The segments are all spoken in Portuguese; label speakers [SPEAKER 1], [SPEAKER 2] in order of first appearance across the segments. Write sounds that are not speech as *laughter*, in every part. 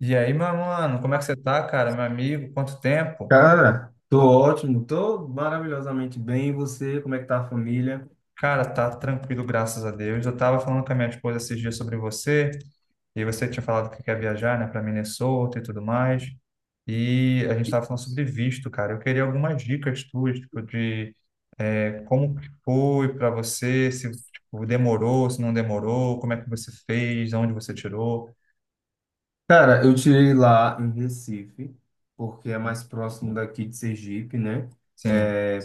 [SPEAKER 1] E aí, meu mano, como é que você tá, cara? Meu amigo, quanto tempo?
[SPEAKER 2] Cara, tô ótimo, tô maravilhosamente bem. E você, como é que tá a família?
[SPEAKER 1] Cara, tá tranquilo, graças a Deus. Eu tava falando com a minha esposa esses dias sobre você, e você tinha falado que quer viajar, né, pra Minnesota e tudo mais. E a gente tava falando sobre visto, cara. Eu queria algumas dicas tuas, tipo, de como que foi pra você, se tipo, demorou, se não demorou, como é que você fez, onde você tirou.
[SPEAKER 2] Cara, eu tirei lá em Recife, porque é mais próximo daqui de Sergipe, né?
[SPEAKER 1] Sim.
[SPEAKER 2] É,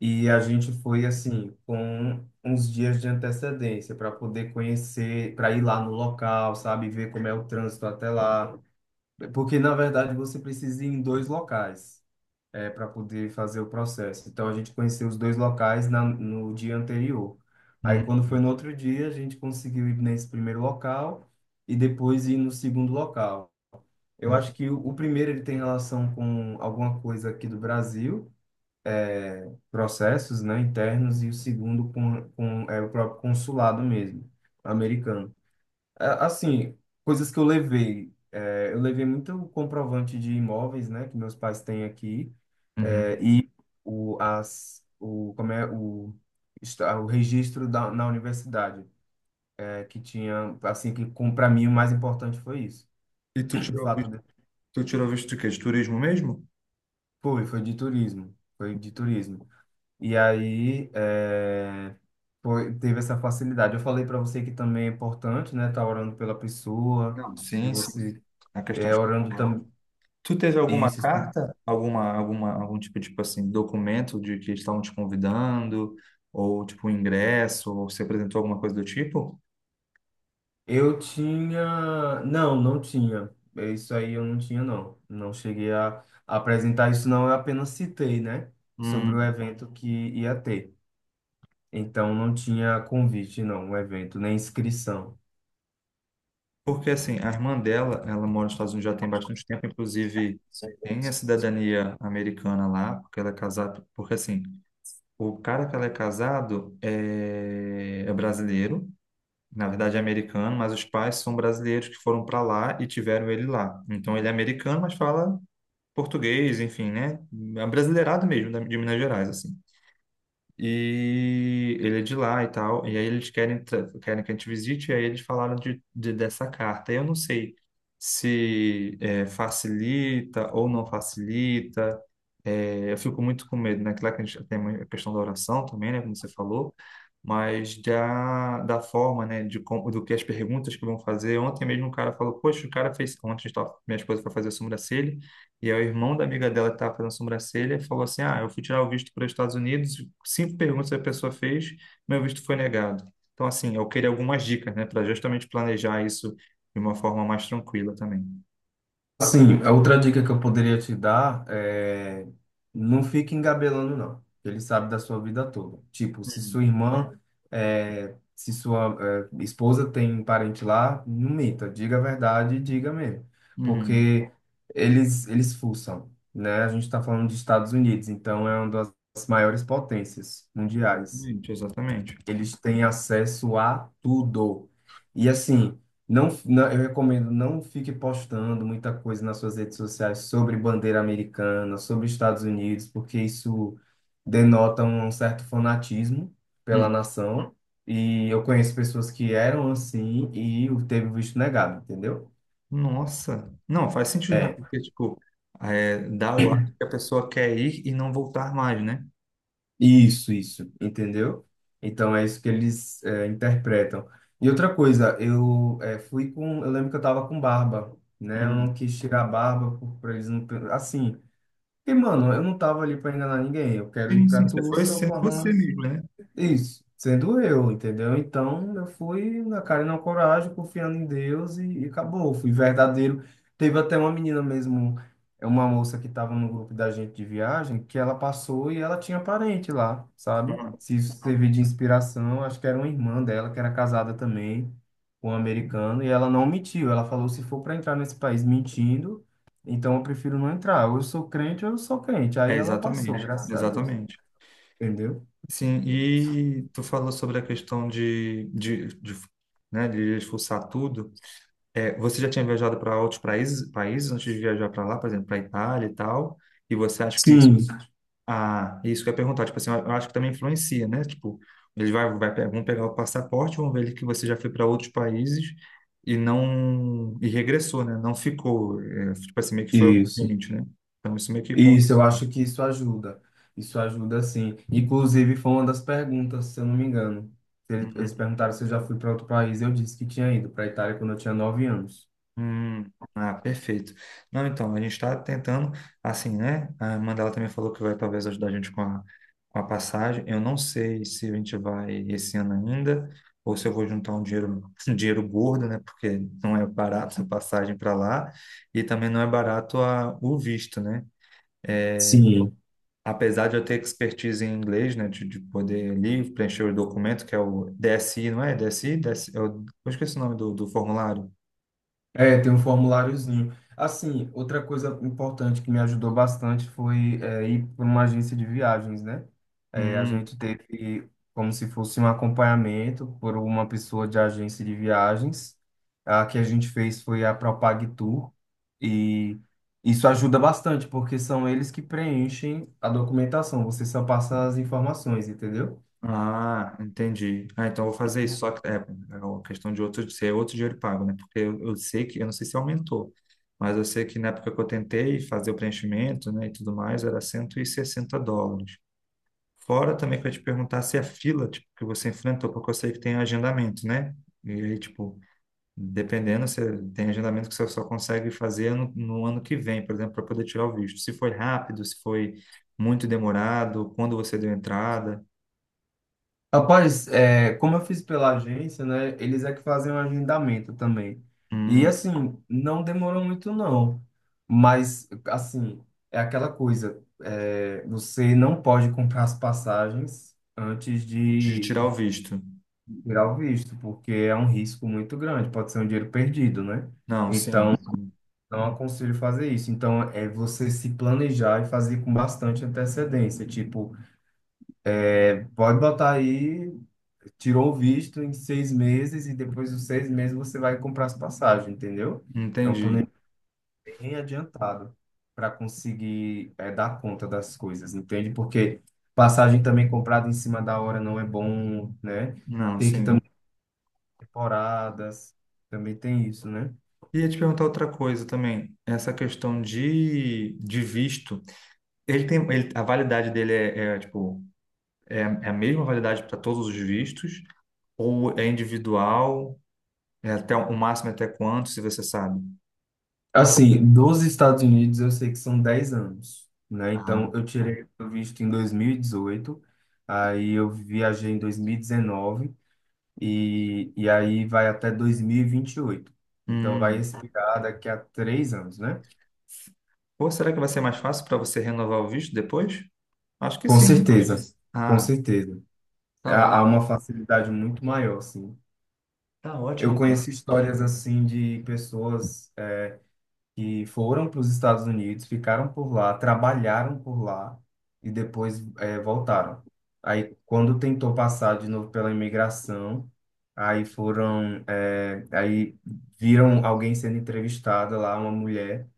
[SPEAKER 2] e a gente foi assim, com uns dias de antecedência para poder conhecer, para ir lá no local, sabe? Ver como é o trânsito até lá. Porque, na verdade, você precisa ir em dois locais. É, para poder fazer o processo. Então a gente conheceu os dois locais no dia anterior. Aí
[SPEAKER 1] Hum,
[SPEAKER 2] quando foi no outro dia, a gente conseguiu ir nesse primeiro local e depois ir no segundo local. Eu acho que o primeiro ele tem relação com alguma coisa aqui do Brasil, é, processos, né, internos, e o segundo com o próprio consulado mesmo, americano. Assim, coisas que eu levei. É, eu levei muito comprovante de imóveis, né, que meus pais têm aqui.
[SPEAKER 1] uhum.
[SPEAKER 2] É, e o, as, o, como é, o, está- o registro na universidade, é, que tinha, assim, que para mim o mais importante foi isso.
[SPEAKER 1] E
[SPEAKER 2] O fato de,
[SPEAKER 1] tu tirou visto de quê? De turismo mesmo?
[SPEAKER 2] foi de turismo, foi de turismo. E aí, é, foi, teve essa facilidade. Eu falei para você que também é importante, né, estar orando pela pessoa,
[SPEAKER 1] Não,
[SPEAKER 2] que
[SPEAKER 1] sim, sim.
[SPEAKER 2] você
[SPEAKER 1] A questão
[SPEAKER 2] é orando
[SPEAKER 1] espiritual.
[SPEAKER 2] também,
[SPEAKER 1] Tu teve alguma
[SPEAKER 2] isso.
[SPEAKER 1] carta, algum tipo, tipo assim, documento de que estavam te convidando, ou tipo um ingresso, ou se apresentou alguma coisa do tipo?
[SPEAKER 2] Eu tinha. Não, não tinha. É. Isso aí eu não tinha, não. Não cheguei a apresentar isso, não. Eu apenas citei, né? Sobre o
[SPEAKER 1] Hum,
[SPEAKER 2] evento que ia ter. Então não tinha convite, não, o evento, nem inscrição.
[SPEAKER 1] porque assim, a irmã dela, ela mora nos Estados Unidos já tem bastante tempo, inclusive tem a cidadania americana lá, porque ela é casada, porque assim, o cara que ela é casado é brasileiro. Na verdade é americano, mas os pais são brasileiros que foram para lá e tiveram ele lá. Então ele é americano, mas fala português, enfim, né? É um brasileirado mesmo, de Minas Gerais, assim. E ele é de lá e tal, e aí eles querem, querem que a gente visite, e aí eles falaram dessa carta. Eu não sei se é, facilita ou não facilita. É, eu fico muito com medo, né? Claro que a gente tem a questão da oração também, né? Como você falou, mas da forma, né, de como, do que as perguntas que vão fazer. Ontem mesmo um cara falou, poxa, o cara fez, ontem a gente tava- minha esposa foi fazer a sobrancelha, e aí o irmão da amiga dela que estava fazendo a sobrancelha falou assim, ah, eu fui tirar o visto para os Estados Unidos, cinco perguntas a pessoa fez, meu visto foi negado. Então, assim, eu queria algumas dicas, né, para justamente planejar isso de uma forma mais tranquila também.
[SPEAKER 2] Assim, a outra dica que eu poderia te dar é não fique engabelando, não. Ele sabe da sua vida toda. Tipo, se
[SPEAKER 1] Uhum.
[SPEAKER 2] sua irmã, é, se sua, é, esposa tem parente lá, não minta, diga a verdade e diga mesmo.
[SPEAKER 1] Uhum.
[SPEAKER 2] Porque eles fuçam, né? A gente está falando dos Estados Unidos, então é uma das maiores potências mundiais.
[SPEAKER 1] Exatamente, exatamente.
[SPEAKER 2] Eles têm acesso a tudo. E assim, não, não, eu recomendo não fique postando muita coisa nas suas redes sociais sobre bandeira americana, sobre Estados Unidos, porque isso denota um certo fanatismo pela
[SPEAKER 1] Uhum.
[SPEAKER 2] nação. E eu conheço pessoas que eram assim e teve o visto negado, entendeu?
[SPEAKER 1] Nossa, não, faz sentido, né?
[SPEAKER 2] É.
[SPEAKER 1] Porque, tipo, é, dá o ar que a pessoa quer ir e não voltar mais, né?
[SPEAKER 2] Isso, entendeu? Então é isso que eles é, interpretam. E outra coisa, eu lembro que eu tava com barba, né? Eu
[SPEAKER 1] Uhum.
[SPEAKER 2] não quis tirar a barba por, pra eles não, assim. Porque, mano, eu não tava ali pra enganar ninguém. Eu quero ir
[SPEAKER 1] Sim,
[SPEAKER 2] pra
[SPEAKER 1] sim, você foi
[SPEAKER 2] Tulsa,
[SPEAKER 1] sendo você
[SPEAKER 2] Oklahoma.
[SPEAKER 1] mesmo, né?
[SPEAKER 2] Isso, sendo eu, entendeu? Então eu fui na cara e na coragem, confiando em Deus e acabou. Fui verdadeiro. Teve até uma menina mesmo, é uma moça que estava no grupo da gente de viagem, que ela passou e ela tinha parente lá, sabe?
[SPEAKER 1] Uhum.
[SPEAKER 2] Se isso servir de inspiração, acho que era uma irmã dela que era casada também com um americano e ela não mentiu. Ela falou: se for para entrar nesse país mentindo, então eu prefiro não entrar. Ou eu sou crente ou eu sou crente.
[SPEAKER 1] É,
[SPEAKER 2] Aí ela passou,
[SPEAKER 1] exatamente,
[SPEAKER 2] graças a Deus,
[SPEAKER 1] exatamente.
[SPEAKER 2] entendeu?
[SPEAKER 1] Sim, e tu falou sobre a questão de, né, de expulsar tudo. É, você já tinha viajado para outros países, países antes de viajar para lá, por exemplo, para Itália e tal, e você acha que isso.
[SPEAKER 2] Sim,
[SPEAKER 1] Ah, isso que eu ia perguntar, tipo assim, eu acho que também influencia, né? Tipo, eles vão pegar o passaporte, vão ver que você já foi para outros países e não, e regressou, né? Não ficou, é, tipo assim, meio que foi o,
[SPEAKER 2] isso.
[SPEAKER 1] né? Então isso meio que conta.
[SPEAKER 2] Isso, eu acho que isso ajuda. Isso ajuda sim. Inclusive, foi uma das perguntas, se eu não me engano. Eles
[SPEAKER 1] Uhum.
[SPEAKER 2] perguntaram se eu já fui para outro país. Eu disse que tinha ido para a Itália quando eu tinha nove anos.
[SPEAKER 1] Hum. Ah, perfeito. Não, então, a gente está tentando, assim, né? A Mandela também falou que vai talvez ajudar a gente com a passagem. Eu não sei se a gente vai esse ano ainda, ou se eu vou juntar um dinheiro, *laughs* um dinheiro gordo, né? Porque não é barato a passagem para lá, e também não é barato a, o visto, né?
[SPEAKER 2] Sim.
[SPEAKER 1] Apesar de eu ter expertise em inglês, né? De poder ali preencher o documento, que é o DSI, não é? DSI? DSI, eu esqueci o nome do formulário.
[SPEAKER 2] É, tem um formuláriozinho. Assim, outra coisa importante que me ajudou bastante foi é, ir para uma agência de viagens, né? É, a
[SPEAKER 1] Hum.
[SPEAKER 2] gente teve como se fosse um acompanhamento por uma pessoa de agência de viagens. A que a gente fez foi a Propag Tour e isso ajuda bastante porque são eles que preenchem a documentação. Você só passa as informações, entendeu?
[SPEAKER 1] Ah, entendi. Ah, então eu vou fazer isso. Só que é, é uma questão de outro, ser outro dinheiro pago, né? Porque eu sei que, eu não sei se aumentou, mas eu sei que na época que eu tentei fazer o preenchimento, né, e tudo mais, era US$ 160. Fora também que eu ia te perguntar se a fila, tipo, que você enfrentou, porque eu sei que tem agendamento, né? E aí, tipo, dependendo, você tem agendamento que você só consegue fazer no ano que vem, por exemplo, para poder tirar o visto. Se foi rápido, se foi muito demorado, quando você deu entrada.
[SPEAKER 2] Rapaz, é, como eu fiz pela agência, né? Eles é que fazem o agendamento também. E
[SPEAKER 1] Hum.
[SPEAKER 2] assim, não demorou muito, não. Mas, assim, é aquela coisa: é, você não pode comprar as passagens antes
[SPEAKER 1] De
[SPEAKER 2] de
[SPEAKER 1] tirar o visto.
[SPEAKER 2] tirar o visto, porque é um risco muito grande, pode ser um dinheiro perdido, né?
[SPEAKER 1] Não, sim.
[SPEAKER 2] Então,
[SPEAKER 1] Sim.
[SPEAKER 2] não aconselho fazer isso. Então, é você se planejar e fazer com bastante antecedência. Tipo, é, pode botar aí. Tirou o visto em seis meses e depois dos seis meses você vai comprar as passagens, entendeu? É um
[SPEAKER 1] Entendi.
[SPEAKER 2] plano bem adiantado para conseguir dar conta das coisas, entende? Porque passagem também comprada em cima da hora não é bom, né?
[SPEAKER 1] Não,
[SPEAKER 2] Tem que
[SPEAKER 1] sim.
[SPEAKER 2] também temporadas, também tem isso, né?
[SPEAKER 1] E ia te perguntar outra coisa também. Essa questão de visto. A validade dele é a mesma validade para todos os vistos? Ou é individual? É até o máximo até quanto, se você sabe?
[SPEAKER 2] Assim, dos Estados Unidos eu sei que são 10 anos, né?
[SPEAKER 1] Ah.
[SPEAKER 2] Então eu tirei o visto em 2018, aí eu viajei em 2019 e aí vai até 2028. Então vai
[SPEAKER 1] Hum.
[SPEAKER 2] expirar daqui a três anos, né?
[SPEAKER 1] Pô, será que vai ser mais fácil para você renovar o visto depois? Acho que
[SPEAKER 2] Com
[SPEAKER 1] sim, né?
[SPEAKER 2] certeza, com
[SPEAKER 1] Ah,
[SPEAKER 2] certeza.
[SPEAKER 1] tá
[SPEAKER 2] Há
[SPEAKER 1] ótimo.
[SPEAKER 2] uma facilidade muito maior, sim.
[SPEAKER 1] Tá ótimo,
[SPEAKER 2] Eu
[SPEAKER 1] então.
[SPEAKER 2] conheço histórias assim de pessoas é, que foram para os Estados Unidos, ficaram por lá, trabalharam por lá e depois é, voltaram. Aí, quando tentou passar de novo pela imigração, aí foram, é, aí viram alguém sendo entrevistada lá, uma mulher.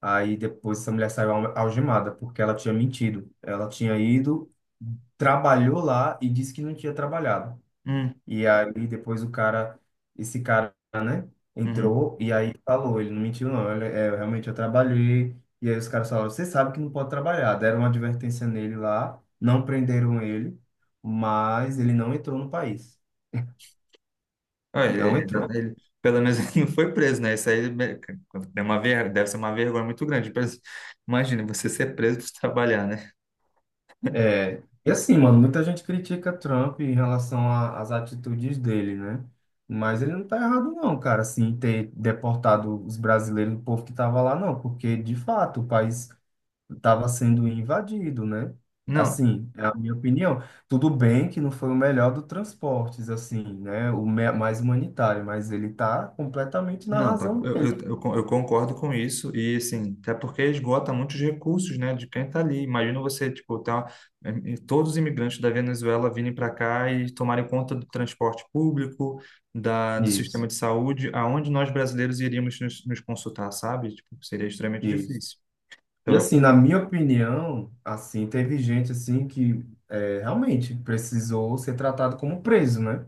[SPEAKER 2] Aí depois essa mulher saiu algemada, porque ela tinha mentido. Ela tinha ido, trabalhou lá e disse que não tinha trabalhado.
[SPEAKER 1] Hum,
[SPEAKER 2] E aí depois o cara, esse cara, né,
[SPEAKER 1] uhum.
[SPEAKER 2] entrou e aí falou, ele não mentiu não, ele, é, eu realmente eu trabalhei. E aí os caras falaram, você sabe que não pode trabalhar. Deram uma advertência nele lá, não prenderam ele, mas ele não entrou no país.
[SPEAKER 1] Ah, é-
[SPEAKER 2] Não
[SPEAKER 1] é exato,
[SPEAKER 2] entrou.
[SPEAKER 1] ele- pelo menos *laughs* ele não foi preso, né? Isso aí, né, deve ser uma vergonha muito grande. Imagina você ser preso por trabalhar, né?
[SPEAKER 2] É, e assim, mano, muita gente critica Trump em relação às atitudes dele, né? Mas ele não tá errado não, cara, assim, em ter deportado os brasileiros, o povo que tava lá, não, porque de fato o país estava sendo invadido, né?
[SPEAKER 1] Não,
[SPEAKER 2] Assim, é a minha opinião. Tudo bem que não foi o melhor do transportes, assim, né? O mais humanitário, mas ele tá completamente na
[SPEAKER 1] não, tá,
[SPEAKER 2] razão
[SPEAKER 1] eu,
[SPEAKER 2] dele.
[SPEAKER 1] eu, eu con- eu concordo com isso. E assim, até porque esgota muitos recursos, né? De quem está ali. Imagina você, tipo, tá, todos os imigrantes da Venezuela virem para cá e tomarem conta do transporte público, da, do sistema
[SPEAKER 2] Isso,
[SPEAKER 1] de saúde, aonde nós brasileiros iríamos nos consultar, sabe? Tipo, seria extremamente
[SPEAKER 2] isso.
[SPEAKER 1] difícil. Então
[SPEAKER 2] E
[SPEAKER 1] eu.
[SPEAKER 2] assim, na minha opinião, assim, teve gente assim que é, realmente precisou ser tratado como preso, né?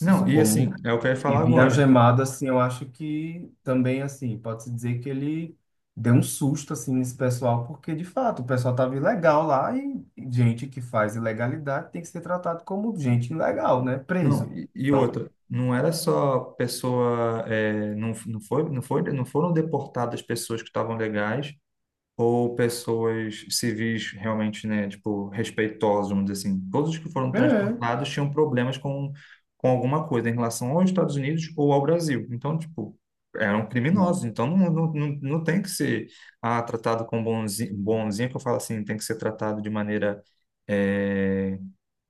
[SPEAKER 1] Não, e
[SPEAKER 2] como
[SPEAKER 1] assim, é o que eu ia
[SPEAKER 2] e
[SPEAKER 1] falar
[SPEAKER 2] vir
[SPEAKER 1] agora.
[SPEAKER 2] algemado, assim, eu acho que também assim, pode-se dizer que ele deu um susto assim nesse pessoal, porque de fato o pessoal tava ilegal lá e gente que faz ilegalidade tem que ser tratado como gente ilegal, né?
[SPEAKER 1] Não,
[SPEAKER 2] Preso.
[SPEAKER 1] e
[SPEAKER 2] Então,
[SPEAKER 1] outra, não era só pessoa, não, não foram deportadas pessoas que estavam legais ou pessoas civis realmente, né, tipo, respeitosas, vamos dizer assim. Todos os que foram
[SPEAKER 2] é.
[SPEAKER 1] transportados tinham problemas com alguma coisa em relação aos Estados Unidos ou ao Brasil. Então, tipo, eram
[SPEAKER 2] Isso.
[SPEAKER 1] criminosos. Então, não, não, não, não tem que ser, ah, tratado com bonzinho, bonzinho, que eu falo assim, tem que ser tratado de maneira é,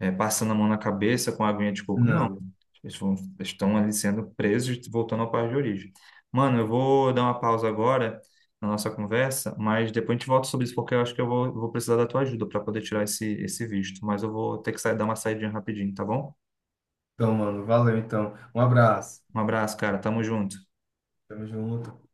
[SPEAKER 1] passando a mão na cabeça com a aguinha de coco. Não.
[SPEAKER 2] Não.
[SPEAKER 1] Eles vão- estão ali sendo presos e voltando ao país de origem. Mano, eu vou dar uma pausa agora na nossa conversa, mas depois a gente volta sobre isso, porque eu acho que eu vou precisar da tua ajuda para poder tirar esse visto. Mas eu vou ter que sair, dar uma saidinha rapidinho, tá bom?
[SPEAKER 2] Então, mano, valeu então. Um abraço.
[SPEAKER 1] Um abraço, cara. Tamo junto.
[SPEAKER 2] Tamo junto.